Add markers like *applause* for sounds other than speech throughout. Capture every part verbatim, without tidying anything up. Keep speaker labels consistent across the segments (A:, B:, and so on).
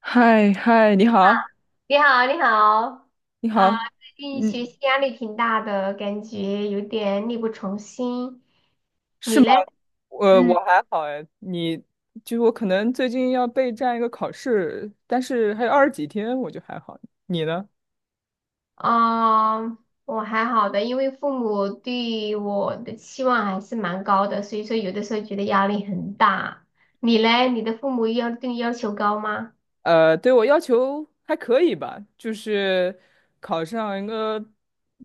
A: 嗨嗨，你好，
B: 你好，你好，
A: 你好，
B: 啊，最近学
A: 嗯，
B: 习压力挺大的，感觉有点力不从心。
A: 是
B: 你
A: 吗？
B: 嘞？
A: 我
B: 嗯，
A: 我还好哎，你就我可能最近要备战一个考试，但是还有二十几天，我就还好。你呢？
B: 啊，我还好的，因为父母对我的期望还是蛮高的，所以说有的时候觉得压力很大。你嘞？你的父母要对你要求高吗？
A: 呃，对我要求还可以吧，就是考上一个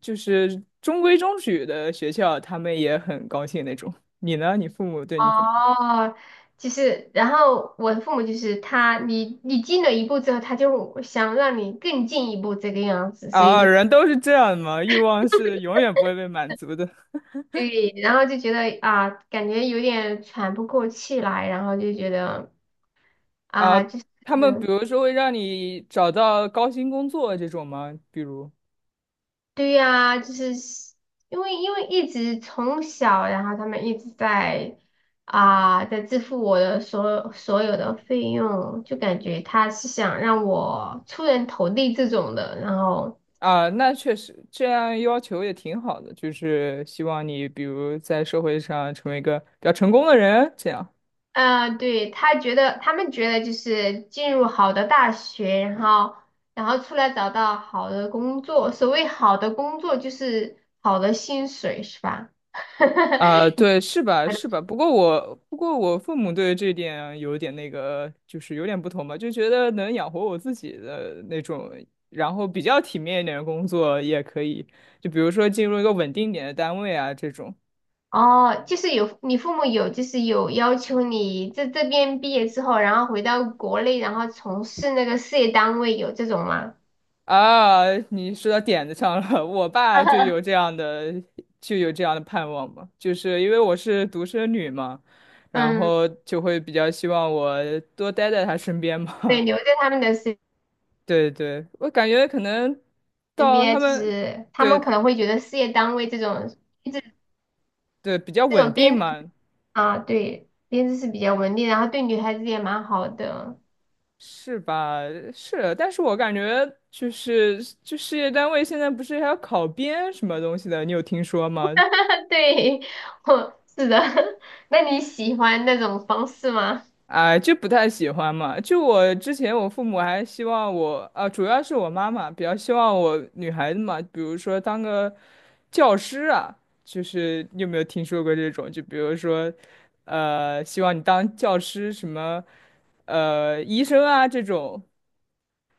A: 就是中规中矩的学校，他们也很高兴那种。你呢？你父母对你怎么样？
B: 哦，就是，然后我的父母就是他，你你进了一步之后，他就想让你更进一步这个样子，所以
A: 啊，
B: 就。
A: 人都是这样的嘛，欲望是永远不会被满足的。
B: 对，然后就觉得啊，感觉有点喘不过气来，然后就觉得
A: 啊，
B: 啊，就是，
A: 他们比如说会让你找到高薪工作这种吗？比如
B: 对呀，就是因为因为一直从小，然后他们一直在啊，在支付我的所所有的费用，就感觉他是想让我出人头地这种的，然后。
A: 啊，那确实这样要求也挺好的，就是希望你比如在社会上成为一个比较成功的人，这样
B: 嗯，对，他觉得他们觉得就是进入好的大学，然后然后出来找到好的工作。所谓好的工作就是好的薪水，是吧？*laughs*
A: 啊，对，是吧？是吧？不过我不过我父母对这点有点那个，就是有点不同吧，就觉得能养活我自己的那种，然后比较体面一点的工作也可以，就比如说进入一个稳定点的单位啊这种。
B: 哦，就是有你父母有就是有要求你在这边毕业之后，然后回到国内，然后从事那个事业单位，有这种吗？
A: 啊，你说到点子上了。*laughs* 我爸就有这样的，就有这样的盼望嘛，就是因为我是独生女嘛，然
B: 嗯，
A: 后就会比较希望我多待在他身边
B: 对，
A: 嘛。
B: 留在他们的身
A: *laughs* 对对，我感觉可能
B: 身
A: 到他
B: 边，就
A: 们，
B: 是他们
A: 对
B: 可能会觉得事业单位这种这
A: 对，比较
B: 这
A: 稳
B: 种
A: 定
B: 编。
A: 嘛，
B: 啊，对，编制是比较稳定，然后对女孩子也蛮好的。
A: 是吧？是，但是我感觉就是就事业单位现在不是还要考编什么东西的，你有听说吗？
B: *laughs* 对，*laughs* 我是的。*laughs* 那你喜欢那种方式吗？
A: 哎，就不太喜欢嘛。就我之前，我父母还希望我，啊，主要是我妈妈比较希望我女孩子嘛，比如说当个教师啊，就是你有没有听说过这种？就比如说，呃，希望你当教师，什么，呃，医生啊这种，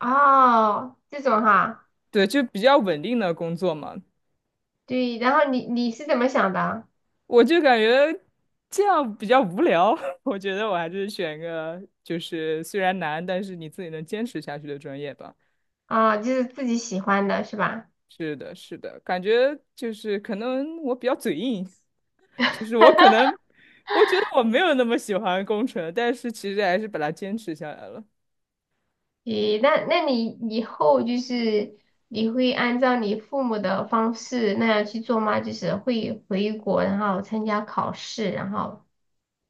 B: 哦，这种哈，
A: 对，就比较稳定的工作嘛。
B: 对。然后你你是怎么想的？
A: 我就感觉这样比较无聊，*laughs* 我觉得我还是选个就是虽然难，但是你自己能坚持下去的专业吧。
B: 啊，就是自己喜欢的是吧？
A: 是的，是的，感觉就是可能我比较嘴硬，*laughs* 就是我可能我觉得我没有那么喜欢工程，但是其实还是把它坚持下来了。
B: 咦，那那你以后就是你会按照你父母的方式那样去做吗？就是会回国，然后参加考试，然后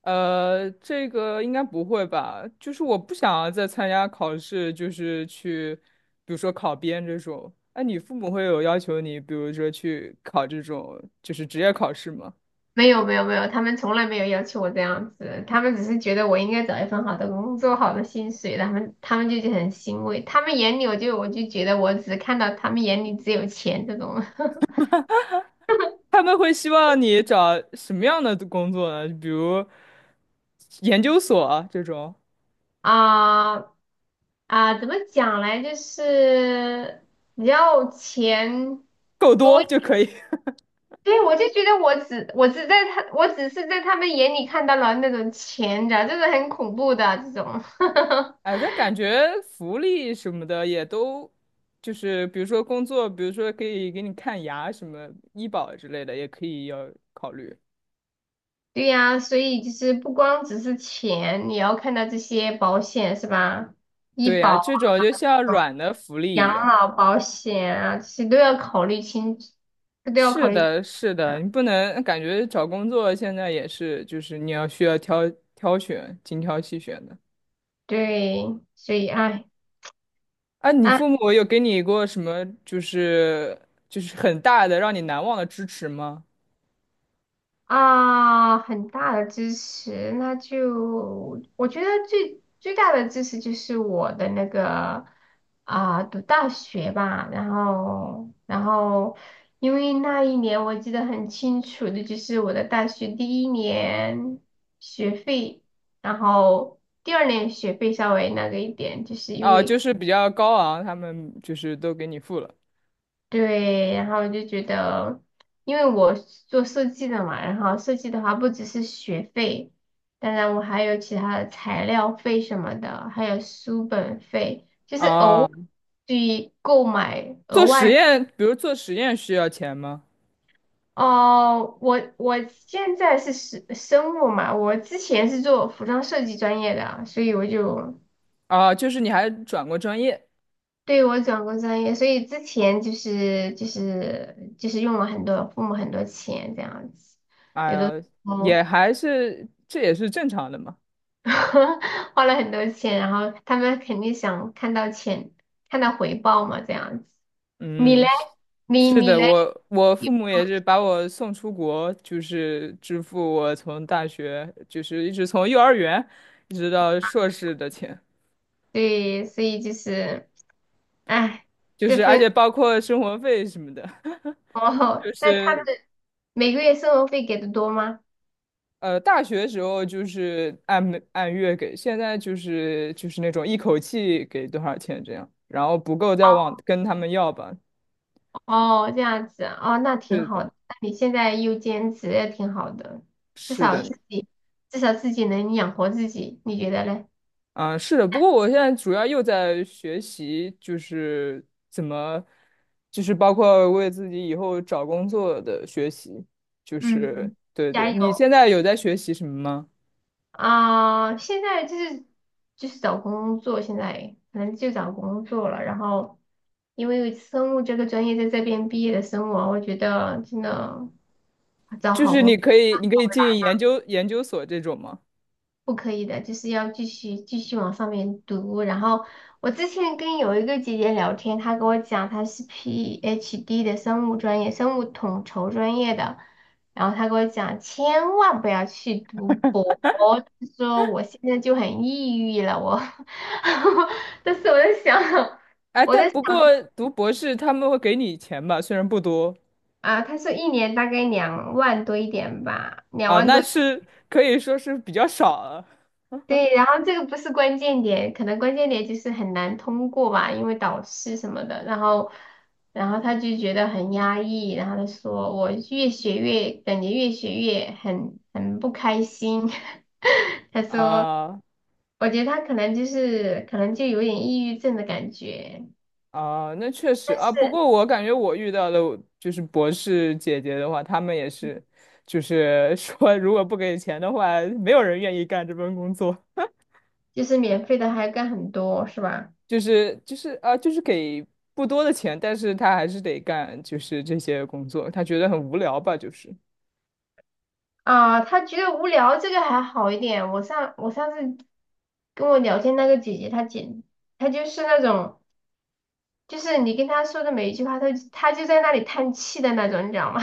A: 呃，这个应该不会吧？就是我不想要再参加考试，就是去，比如说考编这种。哎，你父母会有要求你，比如说去考这种就是职业考试吗？
B: 没有没有没有，他们从来没有要求我这样子，他们只是觉得我应该找一份好的工作、好的薪水，他们他们就觉得很欣慰。他们眼里我就我就觉得我只看到他们眼里只有钱这种。
A: 他们会希望你找什么样的工作呢？比如研究所啊这种，
B: *laughs* 啊啊，怎么讲嘞？就是你要钱
A: 够多
B: 多，
A: 就可以。
B: 对，我就觉得我只我只在他我只是在他们眼里看到了那种钱的，就是很恐怖的这种。*laughs*
A: 哎，但感觉福利什么的也都，就是比如说工作，比如说可以给你看牙什么医保之类的，也可以要考虑。
B: 对呀，所以就是不光只是钱，你要看到这些保险是吧？医
A: 对呀，
B: 保、
A: 这种就像软的福利
B: 养
A: 一样。
B: 老保险啊，这些都要考虑清，这都要
A: 是
B: 考虑清楚
A: 的，是的，
B: 的。
A: 你不能感觉找工作现在也是，就是你要需要挑挑选，精挑细选的。
B: 对，所以哎，
A: 啊，你
B: 唉
A: 父母有给你过什么，就是就是很大的让你难忘的支持吗？
B: 啊，很大的支持，那就我觉得最最大的支持就是我的那个啊，读大学吧，然后然后因为那一年我记得很清楚的就是我的大学第一年学费，然后第二年学费稍微那个一点，就是因
A: 啊，就
B: 为。
A: 是比较高昂，他们就是都给你付了。
B: 对，然后我就觉得，因为我是做设计的嘛，然后设计的话不只是学费，当然我还有其他的材料费什么的，还有书本费，就是额
A: 啊。
B: 外去购买额
A: 做实
B: 外。
A: 验，比如做实验需要钱吗？
B: 哦，我我现在是生生物嘛，我之前是做服装设计专业的，所以我就
A: 啊，就是你还转过专业，
B: 对，我转过专业，所以之前就是就是就是用了很多父母很多钱这样子，
A: 哎
B: 有
A: 呀，
B: 的时
A: 也
B: 候
A: 还是这也是正常的嘛。
B: *laughs* 花了很多钱，然后他们肯定想看到钱，看到回报嘛这样子。你
A: 嗯，
B: 嘞？
A: 是
B: 你
A: 是
B: 你
A: 的，
B: 嘞？
A: 我我父
B: 有
A: 母
B: 没
A: 也
B: 有
A: 是把我送出国，就是支付我从大学，就是一直从幼儿园一直到硕士的钱，
B: 对，所以就是哎，
A: 就
B: 这
A: 是而且
B: 份
A: 包括生活费什么的，
B: 哦，
A: *laughs* 就
B: *laughs* 那他们
A: 是
B: 每个月生活费给的多吗？
A: 呃，大学时候就是按每按月给，现在就是就是那种一口气给多少钱这样，然后不够再
B: 哦。
A: 往跟他们要吧。
B: 哦，这样子哦，那挺
A: 是
B: 好
A: 的，
B: 的。那你现在又兼职也挺好的，至
A: 是
B: 少
A: 的，
B: 自己至少自己能养活自己，你觉得嘞？
A: 嗯、是的。不过我现在主要又在学习，就是怎么，就是包括为自己以后找工作的学习，就是
B: 嗯，
A: 对
B: 加
A: 对。你
B: 油
A: 现在有在学习什么吗？
B: 啊！现在就是就是找工作，现在可能就找工作了。然后因为生物这个专业在这边毕业的生物啊，我觉得真的找
A: 就
B: 好
A: 是
B: 工
A: 你
B: 作
A: 可以你可以进研究研究所这种吗？
B: 不可以的，就是要继续继续往上面读。然后我之前跟有一个姐姐聊天，她跟我讲她是 PhD 的生物专业，生物统筹专业的。然后她跟我讲，千万不要去读博，她说我现在就很抑郁了。我，*laughs* 但是我在想，
A: 哎，
B: 我
A: 但
B: 在想
A: 不过读博士他们会给你钱吧，虽然不多。
B: 啊，她说一年大概两万多一点吧，两
A: 啊，
B: 万
A: 那
B: 多。
A: 是可以说是比较少了
B: 对，然后这个不是关键点，可能关键点就是很难通过吧，因为导师什么的，然后，然后他就觉得很压抑，然后他说我越学越感觉越学越很很不开心，*laughs* 他说，
A: 啊
B: 我觉得他可能就是可能就有点抑郁症的感觉，
A: 啊，那确实
B: 但
A: 啊。不
B: 是
A: 过我感觉我遇到的就是博士姐姐的话，她们也是，就是 *laughs* 说如果不给钱的话，没有人愿意干这份工作。
B: 就是免费的还干很多是吧？
A: 就是就是啊，就是给不多的钱，但是她还是得干，就是这些工作，她觉得很无聊吧，就是。
B: 啊，他觉得无聊这个还好一点，我上我上次跟我聊天那个姐姐，她简她就是那种。就是你跟他说的每一句话，他就他就在那里叹气的那种，你知道吗？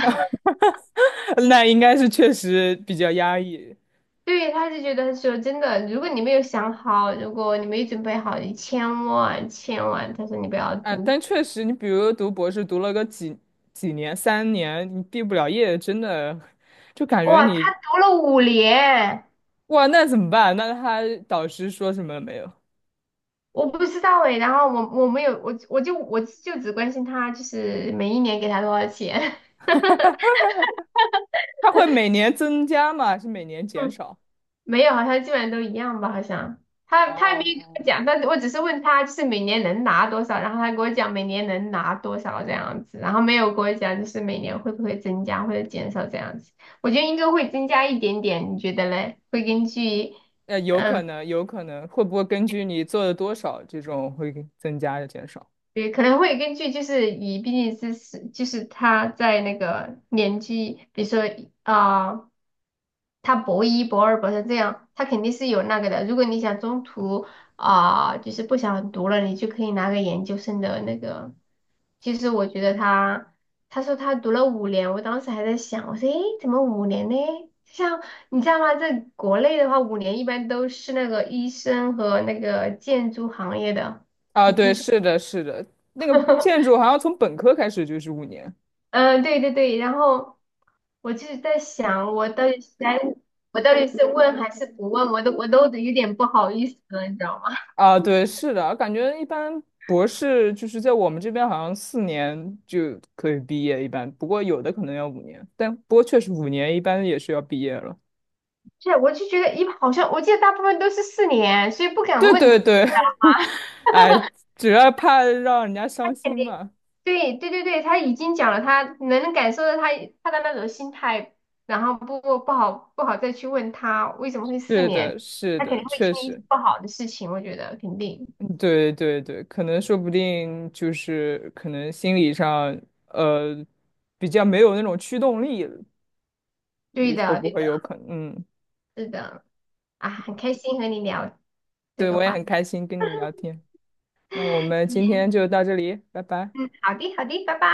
A: *laughs* 那应该是确实比较压抑。
B: *laughs* 对，他就觉得说真的，如果你没有想好，如果你没准备好，你千万千万，他说你不要
A: 哎，
B: 读。
A: 但确实，你比如读博士，读了个几几年，三年，你毕不了业，真的就感觉
B: 哇，
A: 你
B: 他读了五年，
A: 哇，那怎么办？那他导师说什么了没有？
B: 我不知道哎。然后我我没有我我就我就只关心他，就是每一年给他多少钱。
A: 他会每年增加吗？还是每年减
B: *laughs*
A: 少？
B: 没有，好像基本上都一样吧，好像
A: 哦
B: 他他也没有跟我
A: 哦，
B: 讲，但是我只是问他就是每年能拿多少，然后他跟我讲每年能拿多少这样子，然后没有跟我讲就是每年会不会增加或者减少这样子，我觉得应该会增加一点点，你觉得嘞？会根据
A: 呃，有可
B: 嗯，
A: 能，有可能，会不会根据你做的多少，这种会给增加的减少？
B: 也可能会根据就是以毕竟是是就是他在那个年纪，比如说啊。他博一、博二、博三这样，他肯定是有那个的。如果你想中途啊、就是不想读了，你就可以拿个研究生的那个。其实我觉得他，他说他读了五年，我当时还在想，我说，诶，怎么五年呢？像你知道吗？在国内的话，五年一般都是那个医生和那个建筑行业的。
A: 啊，
B: 你
A: 对，
B: 听。
A: 是的，是的，那个建筑好像从本科开始就是五年。
B: 嗯，对对对，然后我就是在想，我到底是该，我到底是问还是不问，我都我都有点不好意思了，你知道吗？
A: 啊，对，是的，感觉一般博士就是在我们这边好像四年就可以毕业，一般，不过有的可能要五年，但不过确实五年一般也是要毕业了。
B: *laughs* 是，我就觉得一好像我记得大部分都是四年，所以不敢
A: 对
B: 问他。
A: 对对，*laughs* 哎，主要怕让人家伤
B: 肯
A: 心
B: 定
A: 嘛。
B: 对对对对，他已经讲了他，能感受到他他的那种心态，然后不不不好不好再去问他为什么会四
A: 是
B: 年，
A: 的，是
B: 他肯定
A: 的，
B: 会
A: 确
B: 经历一些
A: 实，
B: 不好的事情，我觉得肯定
A: 嗯对对对，可能说不定就是可能心理上呃比较没有那种驱动力了，
B: 对
A: 也会
B: 的
A: 不
B: 对
A: 会
B: 的
A: 有可能？嗯，
B: 是的啊，很开心和你聊这
A: 对，
B: 个
A: 我也
B: 话。
A: 很开心跟你聊天。那我们今
B: 题。
A: 天就到这里，拜拜。
B: 嗯，好的，好的，拜拜。